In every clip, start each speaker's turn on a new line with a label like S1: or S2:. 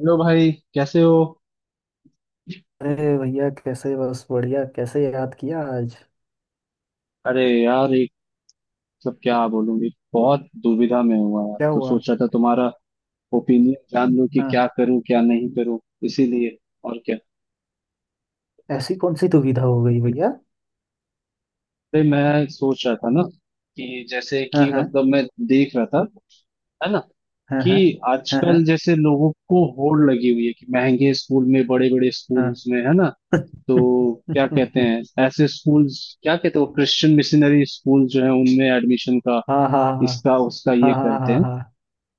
S1: Hello भाई कैसे हो।
S2: अरे भैया, कैसे? बस बढ़िया। कैसे याद किया आज?
S1: अरे यार एक क्या बोलूं, एक बहुत दुविधा में हुआ यार।
S2: क्या
S1: तो
S2: हुआ?
S1: सोचा था तुम्हारा ओपिनियन जान लूं कि
S2: हाँ।
S1: क्या करूं क्या नहीं करूं, इसीलिए। और क्या।
S2: ऐसी कौन सी दुविधा हो गई भैया?
S1: अरे मैं सोच रहा था ना कि जैसे
S2: हाँ
S1: कि
S2: हाँ
S1: मैं देख रहा था, है ना।
S2: हाँ,
S1: कि
S2: हाँ। हाँ, हाँ।
S1: आजकल जैसे लोगों को होड़ लगी हुई है कि महंगे स्कूल में, बड़े बड़े स्कूल में, है ना। तो क्या कहते
S2: हाँ।
S1: हैं ऐसे स्कूल्स, क्या कहते हैं वो क्रिश्चियन मिशनरी स्कूल जो है उनमें एडमिशन का,
S2: हाँ, हाँ, हाँ।
S1: इसका उसका ये
S2: हाँ, हाँ,
S1: करते
S2: हाँ,
S1: हैं।
S2: हाँ।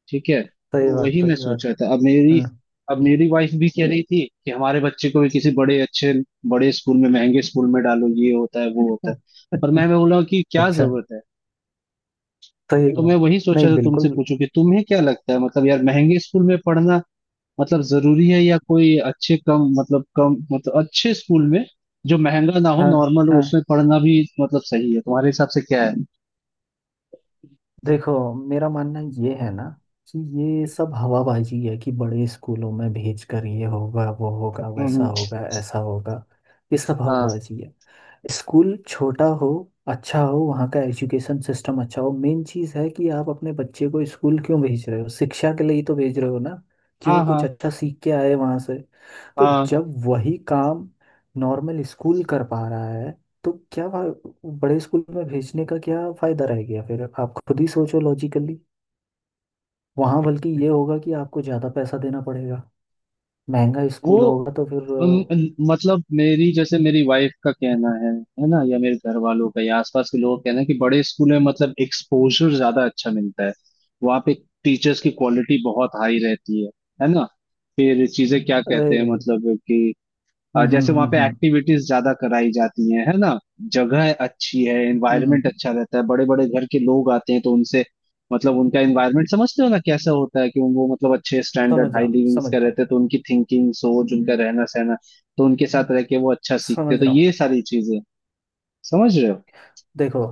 S1: ठीक है,
S2: सही
S1: तो
S2: बात,
S1: वही मैं
S2: सही
S1: सोच
S2: बात।
S1: रहा था। अब मेरी,
S2: हाँ।
S1: अब मेरी वाइफ भी कह रही थी कि हमारे बच्चे को भी किसी बड़े अच्छे, बड़े स्कूल में, महंगे स्कूल में डालो, ये होता है वो होता है। पर मैं बोला कि क्या
S2: अच्छा।
S1: जरूरत है।
S2: सही
S1: तो मैं
S2: बात।
S1: वही
S2: नहीं,
S1: सोचा था तुमसे
S2: बिल्कुल।
S1: पूछूं कि तुम्हें क्या लगता है, यार महंगे स्कूल में पढ़ना जरूरी है, या कोई अच्छे कम कम अच्छे स्कूल में जो महंगा ना हो,
S2: हाँ।
S1: नॉर्मल हो,
S2: हाँ।
S1: उसमें पढ़ना भी सही है, तुम्हारे हिसाब से क्या है।
S2: देखो, मेरा मानना ये है ना, कि ये सब हवाबाजी है कि बड़े स्कूलों में भेज कर ये होगा, वो होगा,
S1: हम्म
S2: वैसा
S1: हम्म,
S2: होगा, ऐसा होगा। ये सब
S1: हाँ,
S2: हवाबाजी है। स्कूल छोटा हो, अच्छा हो, वहाँ का एजुकेशन सिस्टम अच्छा हो। मेन चीज़ है कि आप अपने बच्चे को स्कूल क्यों भेज रहे हो? शिक्षा के लिए ही तो भेज रहे हो ना, कि वो
S1: हाँ
S2: कुछ
S1: हाँ,
S2: अच्छा सीख के आए वहाँ से। तो
S1: हाँ हाँ।
S2: जब वही काम नॉर्मल स्कूल कर पा रहा है, तो बड़े स्कूल में भेजने का क्या फ़ायदा रह गया फिर? आप खुद ही सोचो लॉजिकली। वहाँ बल्कि ये होगा कि आपको ज़्यादा पैसा देना पड़ेगा। महंगा
S1: वो
S2: स्कूल होगा तो फिर।
S1: उन, उन- मेरी, जैसे मेरी वाइफ का कहना है ना, या मेरे घर वालों का या आसपास के लोगों का कहना है कि बड़े स्कूल में एक्सपोजर ज्यादा अच्छा मिलता है, वहाँ पे टीचर्स की क्वालिटी बहुत हाई रहती है ना। फिर चीजें क्या कहते हैं
S2: अरे।
S1: मतलब कि
S2: हम्म, हम्म,
S1: जैसे वहां
S2: हम्म,
S1: पे
S2: हम्म।
S1: एक्टिविटीज ज्यादा कराई जाती हैं, है ना। जगह अच्छी है,
S2: हम्म।
S1: एनवायरनमेंट अच्छा रहता है, बड़े बड़े घर के लोग आते हैं, तो उनसे उनका एनवायरनमेंट समझते हो ना कैसा होता है, कि वो अच्छे स्टैंडर्ड,
S2: समझ
S1: हाई
S2: रहा हूँ,
S1: लिविंग्स
S2: समझ
S1: का
S2: रहा हूँ।
S1: रहते हैं, तो उनकी थिंकिंग, सोच, उनका रहना सहना, तो उनके साथ रह के वो अच्छा सीखते हैं।
S2: समझ
S1: तो
S2: रहा हूँ।
S1: ये सारी चीजें, समझ रहे हो।
S2: देखो।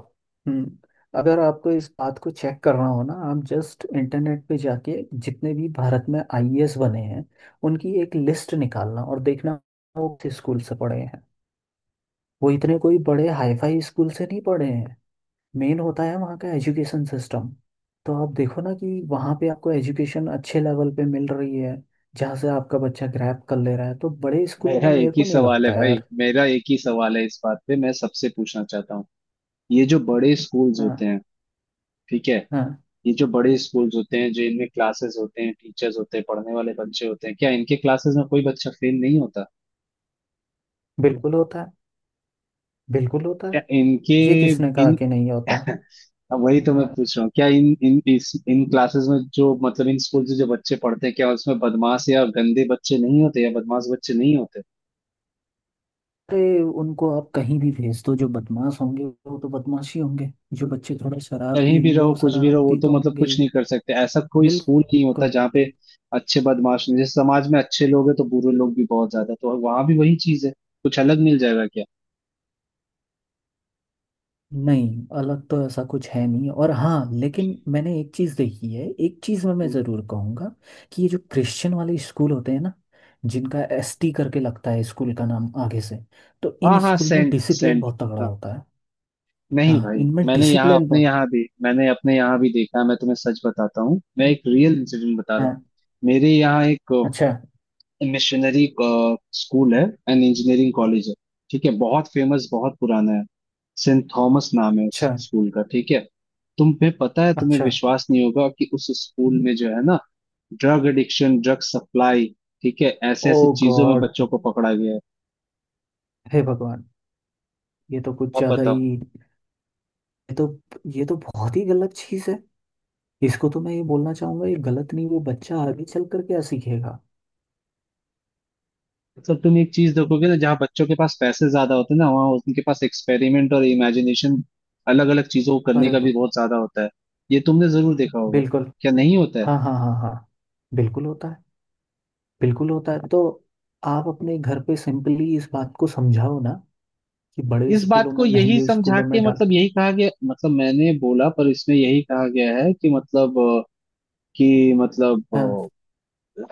S2: हम्म। अगर आपको इस बात को चेक करना हो ना, आप जस्ट इंटरनेट पे जाके जितने भी भारत में आईएएस बने हैं, उनकी एक लिस्ट निकालना और देखना। वो किस स्कूल से पढ़े हैं? वो इतने कोई बड़े हाईफाई स्कूल से नहीं पढ़े हैं। मेन होता है वहाँ का एजुकेशन सिस्टम। तो आप देखो ना कि वहाँ पे आपको एजुकेशन अच्छे लेवल पे मिल रही है, जहाँ से आपका बच्चा ग्रैब कर ले रहा है। तो बड़े स्कूलों
S1: मेरा
S2: में
S1: एक
S2: मेरे
S1: ही
S2: को नहीं
S1: सवाल है
S2: लगता
S1: भाई,
S2: यार।
S1: मेरा एक ही सवाल है, इस बात पे मैं सबसे पूछना चाहता हूँ। ये जो बड़े स्कूल्स होते
S2: हाँ,
S1: हैं, ठीक है,
S2: हाँ।
S1: ये जो बड़े स्कूल्स होते हैं, जो इनमें क्लासेस होते हैं, टीचर्स होते हैं, पढ़ने वाले बच्चे होते हैं, क्या इनके क्लासेस में कोई बच्चा फेल नहीं होता।
S2: बिल्कुल होता है, बिल्कुल होता है।
S1: क्या इनके
S2: ये किसने कहा
S1: इन
S2: कि नहीं होता?
S1: अब वही तो मैं पूछ रहा हूँ, क्या इन इन इस इन क्लासेस में जो इन स्कूल से जो बच्चे पढ़ते हैं, क्या उसमें बदमाश या गंदे बच्चे नहीं होते, या बदमाश बच्चे नहीं होते।
S2: अरे, उनको आप कहीं भी भेज दो। जो बदमाश होंगे, वो तो बदमाश ही होंगे। जो बच्चे थोड़े शरारती
S1: कहीं भी
S2: होंगे,
S1: रहो
S2: वो
S1: कुछ भी रहो, वो
S2: शरारती
S1: तो
S2: तो होंगे
S1: कुछ
S2: ही।
S1: नहीं कर सकते, ऐसा कोई स्कूल नहीं होता
S2: बिल्कुल।
S1: जहाँ पे अच्छे बदमाश नहीं, जैसे समाज में अच्छे लोग हैं तो बुरे लोग भी बहुत ज्यादा, तो वहां भी वही चीज है, कुछ अलग मिल जाएगा?
S2: नहीं, अलग तो ऐसा कुछ है नहीं। और हाँ, लेकिन मैंने एक चीज़ देखी है, एक चीज़ में मैं
S1: क्या?
S2: ज़रूर कहूँगा, कि ये जो क्रिश्चियन वाले स्कूल होते हैं ना, जिनका एसटी करके लगता है स्कूल का नाम आगे से, तो
S1: हाँ
S2: इन
S1: हाँ,
S2: स्कूल में
S1: सेंट
S2: डिसिप्लिन
S1: सेंट।
S2: बहुत तगड़ा होता है।
S1: नहीं
S2: हाँ,
S1: भाई,
S2: इनमें
S1: मैंने यहाँ
S2: डिसिप्लिन
S1: अपने
S2: बहुत।
S1: यहाँ भी, मैंने अपने यहाँ भी देखा है, मैं तुम्हें सच बताता हूँ, मैं एक रियल इंसिडेंट बता रहा हूँ।
S2: हाँ।
S1: मेरे यहाँ एक
S2: अच्छा।
S1: मिशनरी स्कूल है एंड इंजीनियरिंग कॉलेज है, ठीक है, बहुत फेमस बहुत पुराना है। सेंट थॉमस नाम है उस
S2: अच्छा।
S1: स्कूल का, ठीक है। तुम्हें पता है, तुम्हें
S2: अच्छा।
S1: विश्वास नहीं होगा कि उस स्कूल में जो है ना, ड्रग एडिक्शन, ड्रग सप्लाई, ठीक है, ऐसे
S2: ओ
S1: ऐसे चीजों में
S2: गॉड।
S1: बच्चों को पकड़ा गया है।
S2: हे भगवान। ये तो कुछ
S1: अब
S2: ज्यादा ही।
S1: बताओ।
S2: ये तो ये तो बहुत ही गलत चीज है। इसको तो मैं ये बोलना चाहूंगा, ये गलत नहीं? वो बच्चा आगे चल कर क्या सीखेगा?
S1: तुम एक चीज देखोगे ना, जहाँ बच्चों के पास पैसे ज्यादा होते हैं ना, वहाँ उनके पास एक्सपेरिमेंट और इमेजिनेशन, अलग अलग चीजों को करने
S2: अरे
S1: का भी
S2: ब-
S1: बहुत ज्यादा होता है। ये तुमने जरूर देखा होगा,
S2: बिल्कुल।
S1: क्या नहीं होता है।
S2: हाँ, हाँ, हाँ, हाँ। बिल्कुल होता है। बिल्कुल होता है तो आप अपने घर पे सिंपली इस बात को समझाओ ना, कि बड़े
S1: इस बात
S2: स्कूलों
S1: को
S2: में,
S1: यही
S2: महंगे
S1: समझा
S2: स्कूलों में
S1: के
S2: डाल।
S1: यही कहा गया, मैंने बोला, पर इसमें यही कहा गया है कि कि
S2: हाँ,
S1: मतलब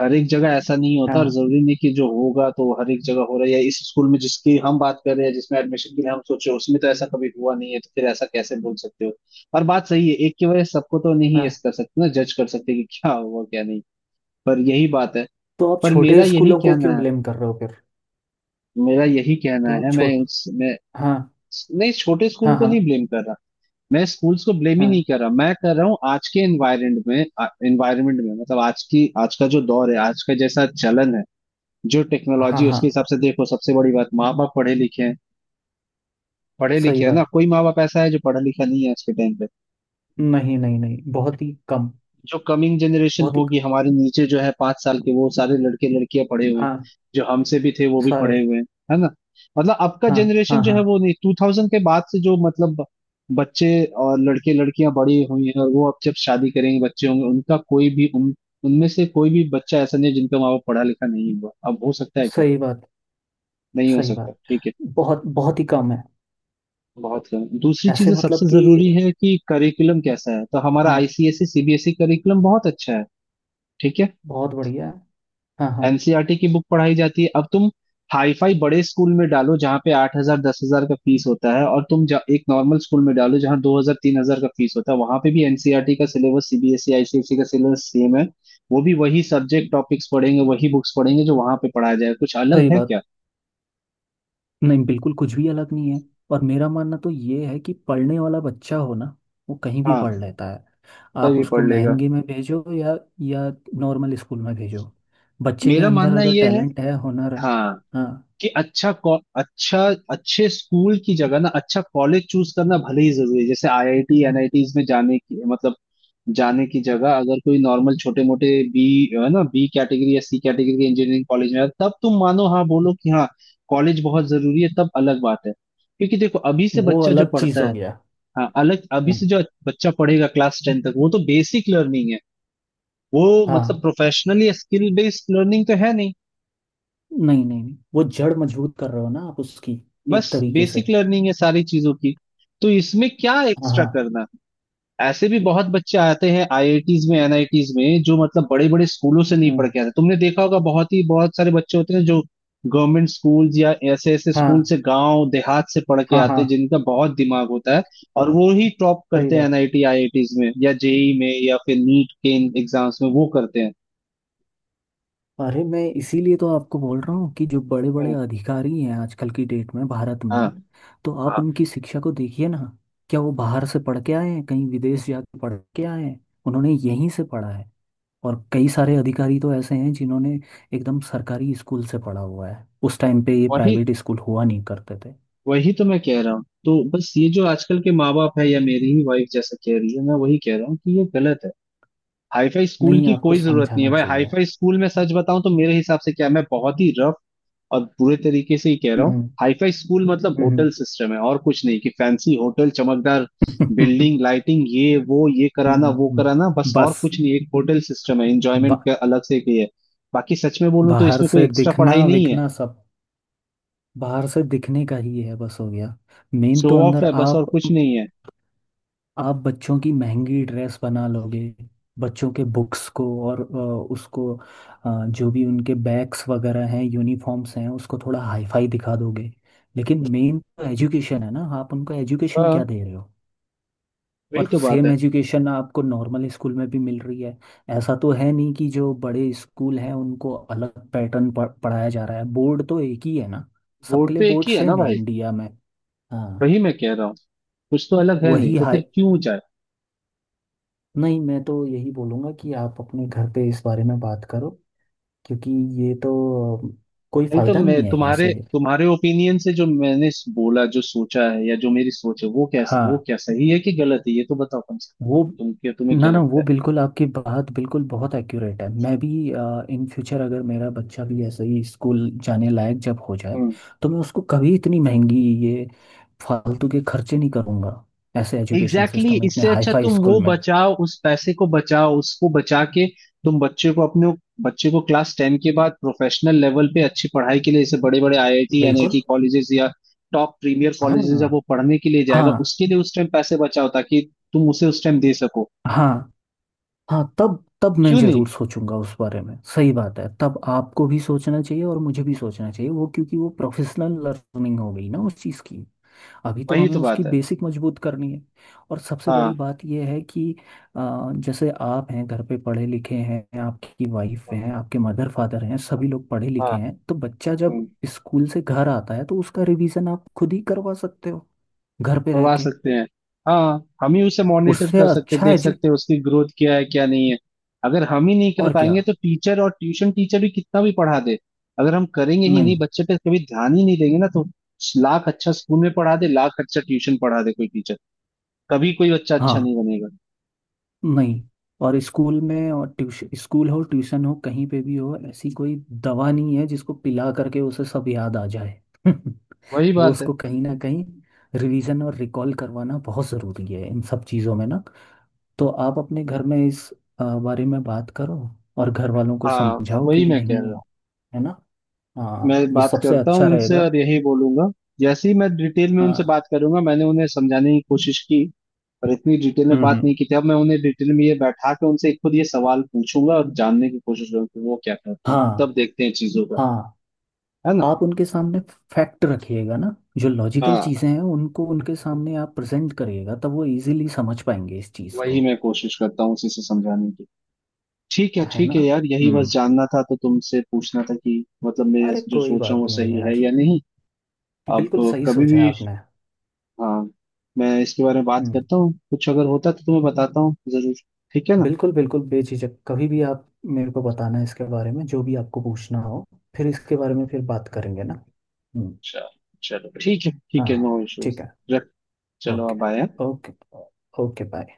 S1: हर एक जगह ऐसा नहीं होता, और
S2: हाँ,
S1: जरूरी नहीं कि जो होगा तो हर एक जगह हो रहा है, या इस स्कूल में जिसकी हम बात कर रहे हैं, जिसमें एडमिशन के लिए हम सोच रहे हैं, उसमें तो ऐसा कभी हुआ नहीं है, तो फिर ऐसा कैसे बोल सकते हो। और बात सही है, एक की वजह से सबको तो नहीं
S2: हाँ।
S1: यस कर सकते ना, जज कर सकते कि क्या हुआ क्या नहीं। पर यही बात है,
S2: तो आप
S1: पर मेरा
S2: छोटे
S1: यही
S2: स्कूलों को क्यों
S1: कहना है,
S2: ब्लेम कर रहे हो फिर?
S1: मेरा यही कहना
S2: तो आप
S1: है। मैं
S2: छोटे
S1: उस मैं
S2: हाँ।
S1: नहीं, छोटे स्कूल
S2: हाँ,
S1: को
S2: हाँ।
S1: नहीं ब्लेम कर रहा, मैं स्कूल्स को ब्लेम ही नहीं
S2: हाँ,
S1: कर रहा, मैं कर रहा हूँ आज के एनवायरमेंट में आज का जो दौर है, आज का जैसा चलन है, जो
S2: हाँ,
S1: टेक्नोलॉजी, उसके
S2: हाँ।
S1: हिसाब से देखो। सबसे बड़ी बात, माँ बाप पढ़े लिखे हैं, पढ़े
S2: सही
S1: लिखे है ना,
S2: बात।
S1: कोई माँ बाप ऐसा है जो पढ़ा लिखा नहीं है आज के टाइम पे।
S2: नहीं, नहीं, नहीं, बहुत ही कम।
S1: जो कमिंग जनरेशन
S2: बहुत ही।
S1: होगी हमारे नीचे जो है पांच साल के, वो सारे लड़के लड़कियां पढ़े हुए हैं,
S2: हाँ।
S1: जो हमसे भी थे वो भी पढ़े
S2: सारे।
S1: हुए हैं, है ना। अब का
S2: हाँ,
S1: जनरेशन
S2: हाँ।
S1: जो
S2: हाँ।
S1: है वो नहीं, टू थाउजेंड के बाद से जो बच्चे और लड़के लड़कियां बड़ी हुई हैं, और वो अब जब शादी करेंगे बच्चे होंगे, उनका कोई भी उन उनमें से कोई भी बच्चा ऐसा नहीं है जिनका माँ बाप पढ़ा लिखा नहीं हुआ, अब हो सकता है क्या,
S2: सही बात।
S1: नहीं हो
S2: सही
S1: सकता।
S2: बात।
S1: ठीक है,
S2: बहुत, बहुत ही कम है।
S1: बहुत कम। दूसरी
S2: ऐसे
S1: चीज सबसे
S2: मतलब
S1: जरूरी
S2: कि,
S1: है कि करिकुलम कैसा है, तो हमारा
S2: हाँ,
S1: आईसीएसई सीबीएसई करिकुलम बहुत अच्छा है, ठीक है।
S2: बहुत बढ़िया है। हाँ, हाँ।
S1: एनसीईआरटी की बुक पढ़ाई जाती है। अब तुम हाई फाई बड़े स्कूल में डालो जहाँ पे आठ हजार दस हजार का फीस होता है, और तुम एक नॉर्मल स्कूल में डालो जहाँ दो हजार तीन हजार का फीस होता है, वहां पे भी एनसीईआरटी का सिलेबस, सीबीएसई आईसीएसई का सिलेबस सेम है। वो भी वही सब्जेक्ट, टॉपिक्स पढ़ेंगे, वही बुक्स पढ़ेंगे जो वहां पे पढ़ाया जाए, कुछ
S2: सही
S1: अलग है
S2: बात।
S1: क्या।
S2: नहीं, बिल्कुल कुछ भी अलग नहीं है। और मेरा मानना तो ये है कि पढ़ने वाला बच्चा हो ना, वो कहीं भी
S1: हाँ,
S2: पढ़ लेता है। आप
S1: तभी पढ़
S2: उसको
S1: लेगा।
S2: महंगे में भेजो या नॉर्मल स्कूल में भेजो, बच्चे के
S1: मेरा
S2: अंदर
S1: मानना
S2: अगर
S1: ये है,
S2: टैलेंट है, हुनर है।
S1: हाँ,
S2: हाँ।
S1: कि अच्छा, अच्छे स्कूल की जगह ना अच्छा कॉलेज चूज करना भले ही जरूरी है, जैसे आईआईटी एनआईटीज में जाने की जाने की जगह अगर कोई नॉर्मल छोटे मोटे बी, है ना, बी कैटेगरी या सी कैटेगरी के इंजीनियरिंग कॉलेज में है, तब तुम मानो, हाँ बोलो कि हाँ कॉलेज बहुत जरूरी है, तब अलग बात है। क्योंकि देखो अभी से
S2: वो
S1: बच्चा जो
S2: अलग चीज़
S1: पढ़ता
S2: हो
S1: है,
S2: गया।
S1: हाँ अलग, अभी से जो बच्चा पढ़ेगा क्लास टेन तक, वो तो बेसिक लर्निंग है। वो
S2: हाँ।
S1: प्रोफेशनली स्किल बेस्ड लर्निंग तो है नहीं,
S2: नहीं, नहीं, नहीं, वो जड़ मजबूत कर रहे हो ना आप उसकी,
S1: बस
S2: एक तरीके से।
S1: बेसिक लर्निंग है सारी चीजों की, तो इसमें क्या
S2: हाँ,
S1: एक्स्ट्रा
S2: हाँ।
S1: करना। ऐसे भी बहुत बच्चे आते हैं आईआईटीज में एनआईटीज में जो बड़े बड़े स्कूलों से नहीं पढ़
S2: हम्म।
S1: के आते, तुमने देखा होगा, बहुत ही बहुत सारे बच्चे होते हैं जो गवर्नमेंट स्कूल या ऐसे ऐसे
S2: हाँ,
S1: स्कूल से, गांव देहात से पढ़ के
S2: हाँ, हाँ।
S1: आते हैं जिनका बहुत दिमाग होता है, और वो ही टॉप
S2: सही
S1: करते हैं
S2: बात।
S1: एनआईटी आईआईटीज में या जेई में या फिर नीट के एग्जाम्स में वो करते हैं।
S2: अरे, मैं इसीलिए तो आपको बोल रहा हूँ कि जो बड़े बड़े
S1: हम्म,
S2: अधिकारी हैं आजकल की डेट में भारत
S1: हाँ
S2: में, तो आप
S1: हाँ।
S2: उनकी शिक्षा को देखिए ना। क्या वो बाहर से पढ़ के आए हैं? कहीं विदेश जाके पढ़ के आए हैं? उन्होंने यहीं से पढ़ा है। और कई सारे अधिकारी तो ऐसे हैं जिन्होंने एकदम सरकारी स्कूल से पढ़ा हुआ है। उस टाइम पे ये
S1: वही,
S2: प्राइवेट स्कूल हुआ नहीं करते थे।
S1: वही तो मैं कह रहा हूँ। तो बस ये जो आजकल के माँ बाप है, या मेरी ही वाइफ जैसा कह रही है, मैं वही कह रहा हूँ कि ये गलत है। हाईफाई स्कूल
S2: नहीं,
S1: की
S2: आपको
S1: कोई जरूरत नहीं है
S2: समझाना
S1: भाई।
S2: चाहिए।
S1: हाईफाई स्कूल में सच बताऊं तो मेरे हिसाब से क्या, मैं बहुत ही रफ और बुरे तरीके से ही कह रहा हूँ,
S2: हम्म,
S1: हाईफाई स्कूल मतलब होटल
S2: हम्म।
S1: सिस्टम है और कुछ नहीं। कि फैंसी होटल, चमकदार बिल्डिंग, लाइटिंग, ये वो, ये कराना वो कराना, बस और
S2: बस।
S1: कुछ नहीं, एक होटल सिस्टम है, एंजॉयमेंट
S2: बा,
S1: का अलग से एक ये है। बाकी सच में बोलूं तो
S2: बाहर
S1: इसमें कोई
S2: से
S1: एक्स्ट्रा पढ़ाई
S2: दिखना
S1: नहीं है,
S2: विखना सब, बाहर से दिखने का ही है, बस हो गया। मेन
S1: शो
S2: तो
S1: ऑफ
S2: अंदर
S1: है बस और
S2: आप
S1: कुछ नहीं है।
S2: आप बच्चों की महंगी ड्रेस बना लोगे, बच्चों के बुक्स को, और उसको जो भी उनके बैग्स वगैरह हैं, यूनिफॉर्म्स हैं, उसको थोड़ा हाईफाई दिखा दोगे। लेकिन मेन तो एजुकेशन है ना, आप उनको एजुकेशन
S1: हाँ,
S2: क्या दे रहे हो?
S1: वही
S2: और
S1: तो बात है।
S2: सेम एजुकेशन आपको नॉर्मल स्कूल में भी मिल रही है। ऐसा तो है नहीं कि जो बड़े स्कूल हैं उनको अलग पैटर्न पढ़ाया जा रहा है। बोर्ड तो एक ही है ना, सबके
S1: वोट तो
S2: लिए
S1: एक
S2: बोर्ड
S1: ही है ना
S2: सेम है
S1: भाई।
S2: इंडिया में। हाँ।
S1: वही मैं कह रहा हूँ, कुछ तो अलग है नहीं,
S2: वही
S1: तो
S2: हाई
S1: फिर क्यों जाए।
S2: नहीं, मैं तो यही बोलूँगा कि आप अपने घर पे इस बारे में बात करो। क्योंकि ये तो, कोई
S1: नहीं तो
S2: फ़ायदा
S1: मैं
S2: नहीं है
S1: तुम्हारे
S2: ऐसे।
S1: तुम्हारे ओपिनियन से, जो मैंने बोला, जो सोचा है या जो मेरी सोच है, वो क्या, वो
S2: हाँ।
S1: क्या सही है कि गलत है, ये तो बताओ कम से
S2: वो,
S1: कम, तुम क्या, तुम्हें
S2: ना,
S1: क्या
S2: ना, वो
S1: लगता
S2: बिल्कुल आपकी बात बिल्कुल बहुत एक्यूरेट है। मैं भी इन फ्यूचर अगर मेरा बच्चा भी ऐसे ही स्कूल जाने लायक जब हो जाए,
S1: है।
S2: तो मैं उसको कभी इतनी महंगी, ये फालतू के खर्चे नहीं करूँगा, ऐसे एजुकेशन
S1: एग्जैक्टली
S2: सिस्टम
S1: exactly,
S2: में, इतने
S1: इससे अच्छा
S2: हाईफाई
S1: तुम
S2: स्कूल
S1: वो
S2: में।
S1: बचाओ, उस पैसे को बचाओ, उसको बचा के तुम बच्चे को अपने बच्चे को क्लास टेन के बाद प्रोफेशनल लेवल पे अच्छी पढ़ाई के लिए, जैसे बड़े बड़े आईआईटी
S2: बिल्कुल।
S1: एनआईटी कॉलेजेस या टॉप प्रीमियर कॉलेजेस,
S2: हाँ,
S1: जब वो पढ़ने के लिए जाएगा
S2: हाँ,
S1: उसके लिए उस टाइम पैसे बचाओ, ताकि तुम उसे उस टाइम दे सको,
S2: हाँ, हाँ। तब तब मैं
S1: क्यों नहीं।
S2: जरूर सोचूंगा उस बारे में। सही बात है, तब आपको भी सोचना चाहिए और मुझे भी सोचना चाहिए, वो, क्योंकि वो प्रोफेशनल लर्निंग हो गई ना उस चीज़ की। अभी तो
S1: वही
S2: हमें
S1: तो
S2: उसकी
S1: बात है।
S2: बेसिक मजबूत करनी है। और सबसे बड़ी
S1: हाँ,
S2: बात यह है कि, जैसे आप हैं, घर पे पढ़े लिखे हैं, आपकी वाइफ हैं, आपके मदर फादर हैं, सभी लोग पढ़े
S1: हाँ,
S2: लिखे हैं, तो बच्चा जब
S1: हम्म।
S2: स्कूल से घर आता है, तो उसका रिवीजन आप खुद ही करवा सकते हो, घर पे रह
S1: करवा
S2: के।
S1: सकते हैं, हाँ, हम ही उसे मॉनिटर
S2: उससे
S1: कर सकते हैं,
S2: अच्छा है
S1: देख
S2: जी।
S1: सकते हैं उसकी ग्रोथ क्या है क्या नहीं है। अगर हम ही नहीं कर
S2: और क्या।
S1: पाएंगे तो टीचर और ट्यूशन टीचर भी कितना भी पढ़ा दे, अगर हम करेंगे ही नहीं,
S2: नहीं।
S1: बच्चे पे कभी ध्यान ही नहीं देंगे ना, तो लाख अच्छा स्कूल में पढ़ा दे, लाख अच्छा ट्यूशन पढ़ा दे कोई टीचर, कभी कोई बच्चा अच्छा
S2: हाँ।
S1: नहीं बनेगा।
S2: नहीं। और स्कूल में, और ट्यूशन, स्कूल हो, ट्यूशन हो, कहीं पे भी हो, ऐसी कोई दवा नहीं है जिसको पिला करके उसे सब याद आ जाए।
S1: वही
S2: वो
S1: बात है।
S2: उसको कहीं ना कहीं रिवीजन और रिकॉल करवाना बहुत ज़रूरी है इन सब चीज़ों में ना। तो आप अपने घर में इस बारे में बात करो, और घर वालों को
S1: हाँ,
S2: समझाओ कि
S1: वही मैं कह रहा
S2: नहीं,
S1: हूँ।
S2: है ना?
S1: मैं
S2: हाँ, ये
S1: बात
S2: सबसे
S1: करता
S2: अच्छा
S1: हूँ उनसे,
S2: रहेगा।
S1: और यही बोलूंगा। जैसे ही मैं डिटेल में उनसे
S2: हाँ।
S1: बात करूंगा, मैंने उन्हें समझाने की कोशिश की पर इतनी डिटेल में
S2: हम्म,
S1: बात नहीं की थी, अब मैं उन्हें डिटेल में ये बैठा के उनसे खुद ये सवाल पूछूंगा और जानने की कोशिश करूंगा कि वो क्या कहते हैं, तब
S2: हाँ,
S1: देखते हैं चीजों का,
S2: हाँ।
S1: है ना।
S2: आप उनके सामने फैक्ट रखिएगा ना, जो लॉजिकल
S1: हाँ,
S2: चीज़ें हैं उनको उनके सामने आप प्रेजेंट करिएगा, तब वो इजीली समझ पाएंगे इस चीज़ को।
S1: वही मैं कोशिश करता हूँ उसी से समझाने की।
S2: है
S1: ठीक
S2: ना?
S1: है यार, यही बस
S2: हम्म।
S1: जानना था, तो तुमसे पूछना था कि मैं
S2: अरे,
S1: जो
S2: कोई
S1: सोच रहा हूँ
S2: बात
S1: वो
S2: नहीं
S1: सही
S2: यार।
S1: है या नहीं। अब,
S2: बिल्कुल सही
S1: कभी
S2: सोचा है
S1: भी,
S2: आपने।
S1: हाँ, मैं इसके बारे में बात
S2: हम्म।
S1: करता हूँ, कुछ अगर होता तो तुम्हें बताता हूँ जरूर, ठीक है ना।
S2: बिल्कुल, बिल्कुल, बेझिझक कभी भी आप मेरे को बताना, इसके बारे में जो भी आपको पूछना हो, फिर इसके बारे में फिर बात करेंगे ना। हम्म।
S1: चल, चलो ठीक है ठीक है,
S2: हाँ।
S1: नो
S2: ठीक
S1: इश्यूज।
S2: है।
S1: चलो
S2: ओके।
S1: अब आया।
S2: ओके। Okay, bye.